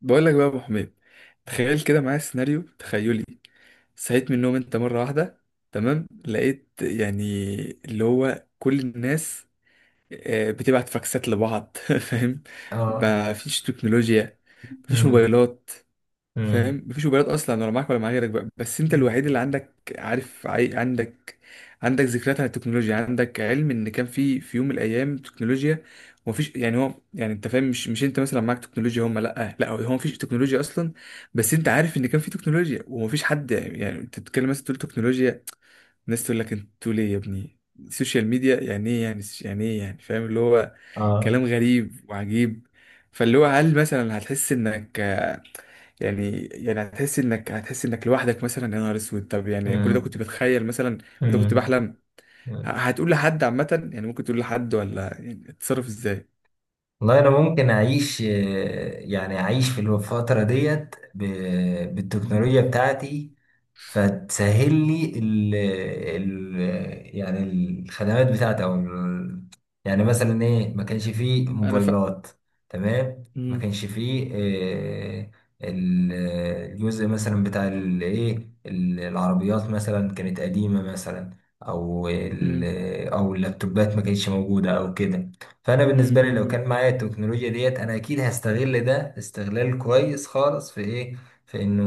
بقول لك بقى يا ابو حميد. تخيل كده معايا سيناريو تخيلي. صحيت من النوم انت مره واحده، تمام، لقيت يعني اللي هو كل الناس بتبعت فاكسات لبعض فاهم. اه. ما فيش تكنولوجيا، ما فيش مم. موبايلات. مم. فاهم؟ مفيش موبايلات اصلا، ولا معاك ولا مع غيرك، بقى بس انت الوحيد اللي عندك، عارف، عندك عندك ذكريات عن التكنولوجيا، عندك علم ان كان في يوم من الايام تكنولوجيا. ومفيش يعني هو يعني انت فاهم، مش انت مثلا معاك تكنولوجيا هم، لا لا، هو مفيش تكنولوجيا اصلا، بس انت عارف ان كان في تكنولوجيا. ومفيش حد، يعني انت تتكلم مثلا تقول تكنولوجيا، الناس تقول لك انت تقول ايه يا ابني؟ السوشيال ميديا يعني ايه؟ يعني يعني ايه يعني؟ فاهم اللي هو اه. كلام غريب وعجيب. فاللي هو هل مثلا هتحس انك، يعني يعني هتحس انك هتحس انك لوحدك مثلا؟ يا نهار اسود. طب يعني كل ده مم. كنت بتخيل مثلا، كل ده كنت مم. بحلم. مم. هتقول لحد عامة؟ يعني ممكن تقول لحد ولا يعني تتصرف ازاي؟ والله انا ممكن اعيش، يعني اعيش في الفتره ديت مم. بالتكنولوجيا بتاعتي، فتسهل لي ال يعني الخدمات بتاعتي او يعني مثلا ايه ما كانش فيه انا ف، موبايلات. تمام، ما امم كانش فيه ال- الجزء مثلا بتاع الايه العربيات مثلا كانت قديمة مثلا، او امم او اللابتوبات ما كانتش موجودة او كده. فانا بالنسبة لي لو امم كان معايا التكنولوجيا ديت انا اكيد هستغل ده استغلال كويس خالص في ايه، في انه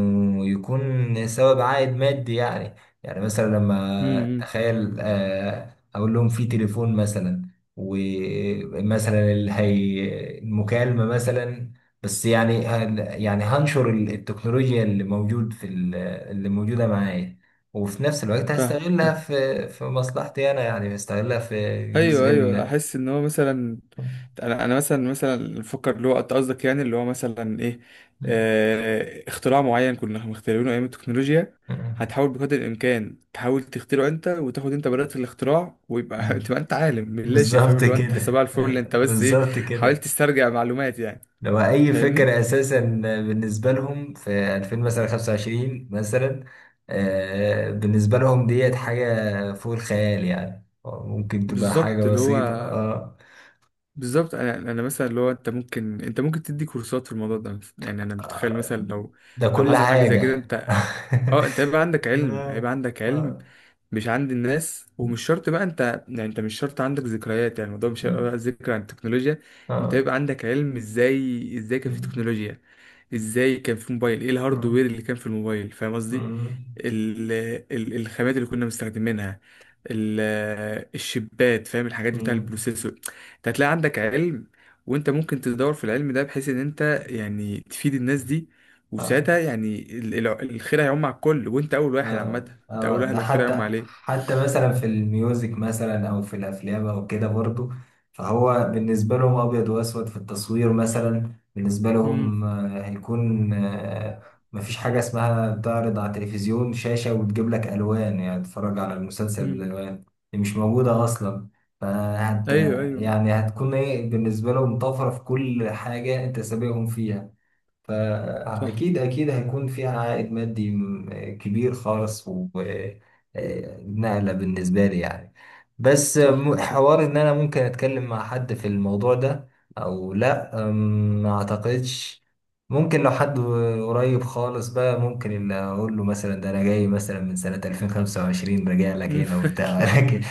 يكون سبب عائد مادي يعني. يعني مثلا لما امم تخيل، اقول لهم في تليفون مثلا، ومثلا اللي هي المكالمة مثلا، بس يعني يعني هنشر التكنولوجيا اللي موجود في اللي موجودة معايا، وفي نفس الوقت هستغلها في مصلحتي انا، يعني هستغلها في ايوه جزء ايوه، ال. احس ان هو مثلا، انا مثلا مثلا بفكر اللي هو انت قصدك، يعني اللي هو مثلا ايه، آه، اختراع معين كنا مخترعينه ايام التكنولوجيا، هتحاول بقدر الامكان تحاول تخترعه انت، وتاخد انت براءة الاختراع، ويبقى تبقى انت عالم من لا شيء. فاهم بالظبط اللي هو انت حساب على كده. الفل، اللي انت بس ايه، بالظبط حاولت كده، تسترجع معلومات يعني. لو اي فاهمني؟ فكره اساسا بالنسبه لهم في 2000 مثلا 25 مثلا، بالنسبه لهم ديت حاجه فوق الخيال، يعني ممكن تبقى حاجه بالظبط اللي هو بسيطه. اه، بالظبط. انا مثلا اللي هو، انت ممكن، انت ممكن تدي كورسات في الموضوع ده مثلا، يعني انا متخيل مثلا لو، ده لو كل حصل حاجه زي كده، حاجه. اه، انت هيبقى عندك علم، هيبقى آه. عندك علم آه. مش عند الناس، ومش شرط بقى انت، يعني انت مش شرط عندك ذكريات، يعني الموضوع مش هيبقى بقى ذكر عن التكنولوجيا، آه. انت آه. هيبقى عندك علم ازاي، ازاي كان في تكنولوجيا، ازاي كان في موبايل، ايه آه. الهاردوير اللي كان في الموبايل؟ فاهم قصدي؟ آه. ال... الخامات اللي كنا مستخدمينها، ال... الشبات، فاهم؟ الحاجات بتاع آه. البروسيسور. انت هتلاقي عندك علم، وانت ممكن تدور في العلم ده بحيث ان انت يعني تفيد الناس دي. آه. وساعتها يعني الخير هيعم على الكل، وانت اول واحد، عامه اه، انت اول اه، واحد ده الخير هيعم حتى عليه. حتى مثلا في الميوزك مثلا او في الافلام او كده برضو، فهو بالنسبه لهم ابيض واسود في التصوير، مثلا بالنسبه امم لهم هيكون، مفيش حاجه اسمها تعرض على تلفزيون شاشه وتجيب لك الوان، يعني تتفرج على المسلسل امم بالالوان. دي مش موجوده اصلا. فهت ايوه ايوه. يعني هتكون ايه بالنسبه لهم، طفره في كل حاجه، انت سابقهم فيها. صح فأكيد أكيد هيكون فيها عائد مادي كبير خالص، ونقلة بالنسبة لي يعني. بس صح صح حوار إن صح. أنا ممكن أتكلم مع حد في الموضوع ده أو لأ، ما أعتقدش. ممكن لو حد قريب خالص بقى، ممكن اللي أقول له مثلا ده أنا جاي مثلا من سنة 2025 راجع لك مم. هنا وبتاع. لكن،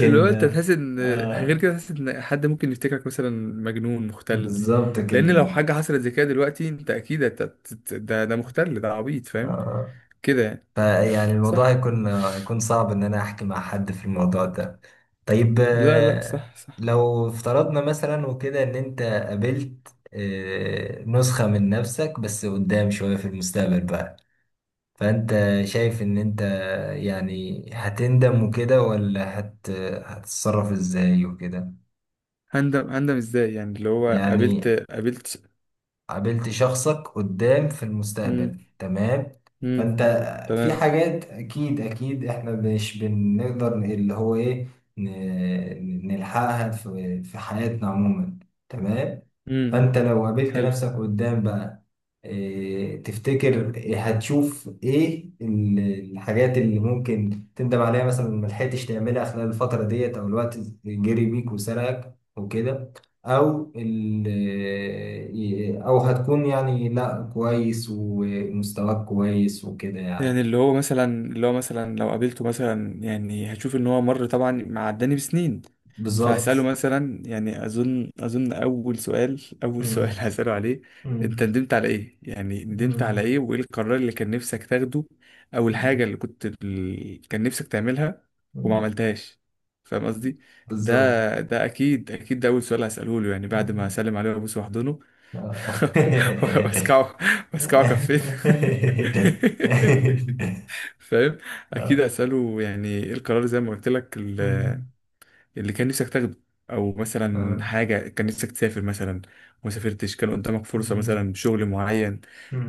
اللي هو انت تحس ان غير آه كده، تحس ان حد ممكن يفتكرك مثلا مجنون مختل. بالظبط كده. لان لو حاجه حصلت زي كده دلوقتي، انت اكيد ده ده مختل، ده عبيط. فاهم آه كده يعني؟ فيعني الموضوع صح. هيكون صعب إن أنا أحكي مع حد في الموضوع ده. طيب، لا لا صح صح. لو افترضنا مثلا وكده إن أنت قابلت نسخة من نفسك بس قدام شوية في المستقبل بقى، فأنت شايف إن أنت يعني هتندم وكده، ولا هتتصرف إزاي وكده؟ هندم؟ هندم ازاي يعني؟ اللي هو قابلت يعني قابلت قابلت شخصك قدام في امم المستقبل، تمام. امم فانت في تمام. حاجات اكيد اكيد احنا مش بنقدر اللي هو ايه، نلحقها في حياتنا عموما، تمام. امم فانت لو قابلت حلو. نفسك قدام بقى، إيه تفتكر، إيه هتشوف، ايه الحاجات اللي ممكن تندم عليها مثلا ما لحقتش تعملها خلال الفترة ديت، او الوقت جري بيك وسرقك وكده، او ال، او هتكون يعني لا كويس ومستواك كويس وكده يعني. يعني اللي هو مثلا، اللي هو مثلا لو قابلته مثلا، يعني هشوف ان هو مر طبعا، معداني بسنين، بالظبط. فهسأله مثلا. يعني اظن اول سؤال، اول سؤال مم. هسأله عليه، انت مم. ندمت على ايه؟ يعني ندمت على مم. ايه، وايه القرار اللي كان نفسك تاخده؟ او الحاجة اللي كان نفسك تعملها وما مم. عملتهاش. فاهم قصدي؟ بالظبط. ده ده اكيد، ده اول سؤال هسأله له. يعني بعد ما مم. اسلم عليه وابوس واحضنه آه. واسكعه، واسكعه كفين فاهم. اكيد آه. اساله يعني ايه القرار، زي ما قلت لك، مم. اللي كان نفسك تاخده، او مثلا آه. حاجه كان نفسك تسافر مثلا وما سافرتش، كان قدامك فرصه مم. مثلا شغل معين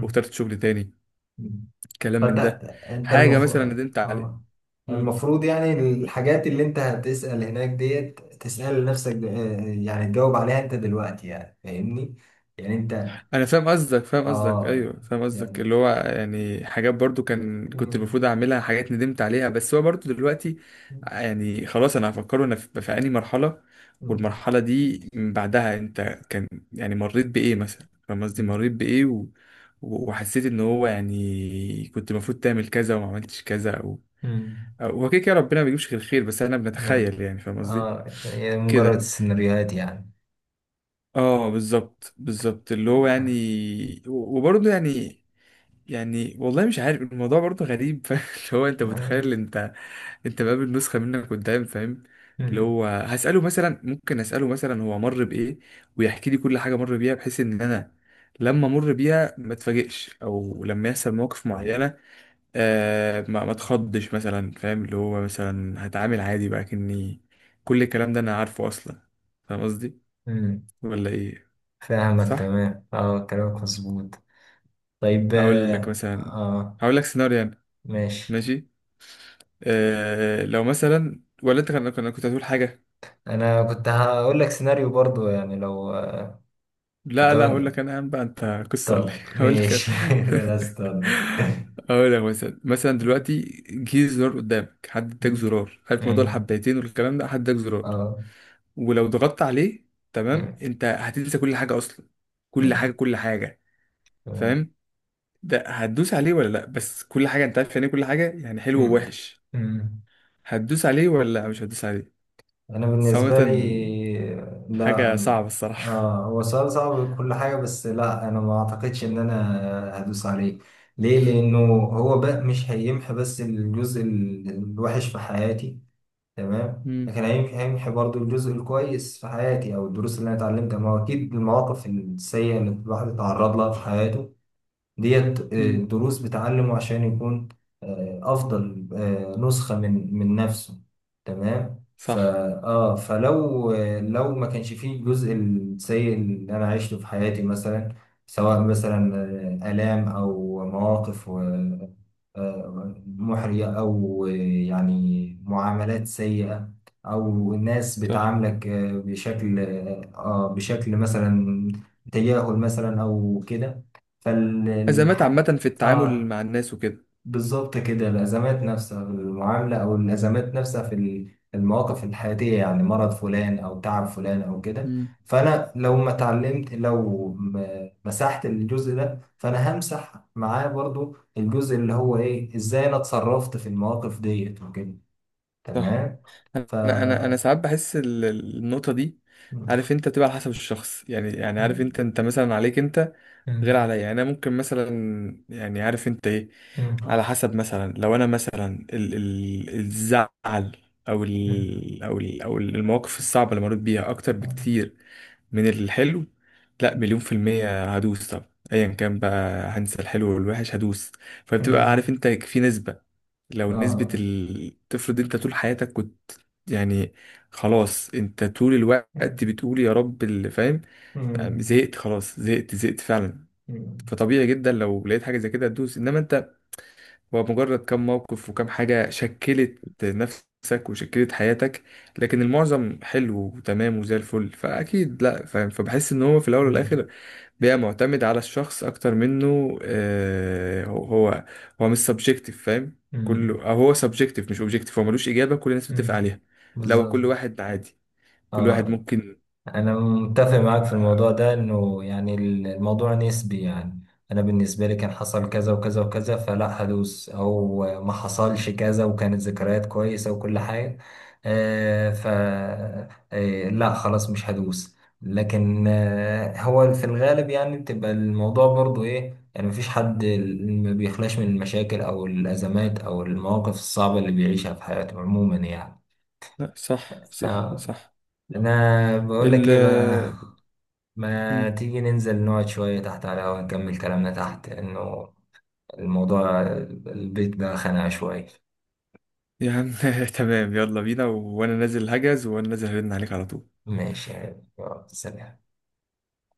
واخترت شغل تاني، مم. كلام فانت من ده، انت حاجه مثلا المفروض، ندمت عليه. المفروض يعني الحاجات اللي انت هتسأل هناك ديت تسأل لنفسك يعني تجاوب عليها انت دلوقتي، يعني فاهمني، يعني انت انا فاهم قصدك، فاهم قصدك، اه ايوه فاهم قصدك، يعني. اللي هو يعني حاجات برضو كان كنت مم. المفروض اعملها، حاجات ندمت عليها، بس هو برضو دلوقتي، مم. يعني خلاص انا هفكره انا في انهي مرحله، مم. والمرحله دي من بعدها انت كان، يعني مريت بايه مثلا؟ فاهم قصدي؟ مريت بايه و... وحسيت ان هو يعني كنت المفروض تعمل كذا وما عملتش كذا، او مم. هو كده كده ربنا ما بيجيبش غير خير، بس انا نعم، بنتخيل يعني، فاهم قصدي اه، هي مجرد كده؟ سيناريوهات يعني. اه بالظبط بالظبط، اللي هو يعني، وبرضه يعني، يعني والله مش عارف، الموضوع برضه غريب فاهم اللي هو انت آه. متخيل انت، انت بقابل نسخة منك قدام، فاهم. اللي مم. هو هسأله مثلا، ممكن أسأله مثلا هو مر بإيه، ويحكي لي كل حاجة مر بيها، بحيث إن أنا لما أمر بيها ما اتفاجئش، أو لما يحصل مواقف معينة آه ما اتخضش مثلا. فاهم اللي هو مثلا هتعامل عادي بقى، كأني كل الكلام ده أنا عارفه أصلا. فاهم قصدي؟ مم. ولا إيه؟ فاهمك صح. تمام، اه كلامك مظبوط. طيب، هقول لك مثلا، هقول لك سيناريو يعني. ماشي. ماشي. آه لو مثلا، ولا انت كان، كنت هتقول حاجه؟ انا كنت هقول لك سيناريو برضو يعني لو كنت لا لا، هقول هقول لك لك. انا يا عم بقى، انت قصه ولا ايه طب هقول لك ماشي، انا لا استنى. هقول لك مثلا، مثلا دلوقتي جه زرار قدامك، حد اداك زرار، عارف موضوع الحبايتين والكلام ده، حد اداك زرار اه، ولو ضغطت عليه، تمام، انت هتنسى كل حاجه اصلا، كل حاجه كل حاجه، فاهم؟ ده هتدوس عليه ولا لا؟ بس كل حاجه انت عارف يعني إيه، كل حاجه يعني حلو ووحش. هتدوس عليه، ولا لا، مش هتدوس عليه؟ انا صراحه بالنسبه لي لا، حاجه صعبه الصراحه. اه هو سؤال صعب وكل حاجه، بس لا انا ما اعتقدش ان انا هدوس عليه. ليه؟ لانه هو بقى مش هيمحي بس الجزء الوحش في حياتي، تمام، امم لكن هيمحي، هيمحي برضو الجزء الكويس في حياتي او الدروس اللي انا اتعلمتها. ما هو اكيد المواقف السيئه اللي الواحد اتعرض لها في حياته ديت امم دروس بتعلمه عشان يكون أفضل نسخة من نفسه، تمام. صح فلو، لو ما كانش فيه الجزء السيء اللي أنا عشته في حياتي مثلا، سواء مثلا آلام أو مواقف محرجة، أو يعني معاملات سيئة، أو الناس صح. بتعاملك بشكل، بشكل مثلا تجاهل مثلا أو كده، أزمات فالح... عامة في التعامل اه مع الناس وكده. بالظبط كده، الأزمات نفسها في المعاملة أو الأزمات نفسها في المواقف الحياتية، يعني مرض فلان أو تعب فلان أو كده. مم. فأنا لو ما اتعلمت، لو مسحت الجزء ده، فأنا همسح معاه برضو الجزء اللي هو إيه إزاي أنا اتصرفت في المواقف ديت وكده، صح. تمام. ف انا انا انا ساعات بحس النقطه دي، عارف انت بتبقى على حسب الشخص، يعني يعني عارف انت، انت مثلا عليك انت غير عليا، يعني انا ممكن مثلا، يعني عارف انت ايه، على حسب مثلا لو انا مثلا ال الزعل او ال او المواقف الصعبه اللي مريت بيها اكتر بكتير من الحلو، لا مليون في المية هدوس. طب ايا كان بقى، هنسى الحلو والوحش، هدوس. فبتبقى عارف انت في نسبة، لو نسبة تفرض انت طول حياتك كنت يعني خلاص انت طول الوقت بتقول يا رب اللي فاهم، يعني زهقت، خلاص زهقت فعلا، آه فطبيعي جدا لو لقيت حاجة زي كده تدوس. انما انت هو مجرد كم موقف وكم حاجة شكلت نفسك وشكلت حياتك، لكن المعظم حلو وتمام وزي الفل، فاكيد لا، فاهم. فبحس ان هو في الاول مم. والاخر بيبقى معتمد على الشخص، اكتر منه آه هو هو مش سبجكتيف، فاهم مم. كله، أو هو سبجكتيف مش اوبجكتيف، هو ملوش اجابة كل الناس بتتفق مم. عليها، لو بالظبط. كل واحد عادي، كل واحد اه، ممكن أنا متفق معاك في يبقى- الموضوع ده، إنه يعني الموضوع نسبي يعني. أنا بالنسبة لي كان حصل كذا وكذا وكذا فلا هدوس، أو ما حصلش كذا وكانت ذكريات كويسة وكل حاجة. آه ف آه لا خلاص مش هدوس، لكن هو في الغالب، يعني بتبقى الموضوع برضو إيه، يعني مفيش حد ما بيخلاش من المشاكل أو الأزمات أو المواقف الصعبة اللي بيعيشها في حياته عموما يعني. لا صح صح آه. صح أنا بقول لك ال، إيه بقى، ما مم. تيجي ننزل نقعد شوية تحت على الهوا نكمل كلامنا تحت لأنه الموضوع، البيت ده خانقة شوية. يا عم تمام، يلا بينا، وانا نازل هجز، وانا نازل هرن عليك على طول. ماشي، يلا سلام.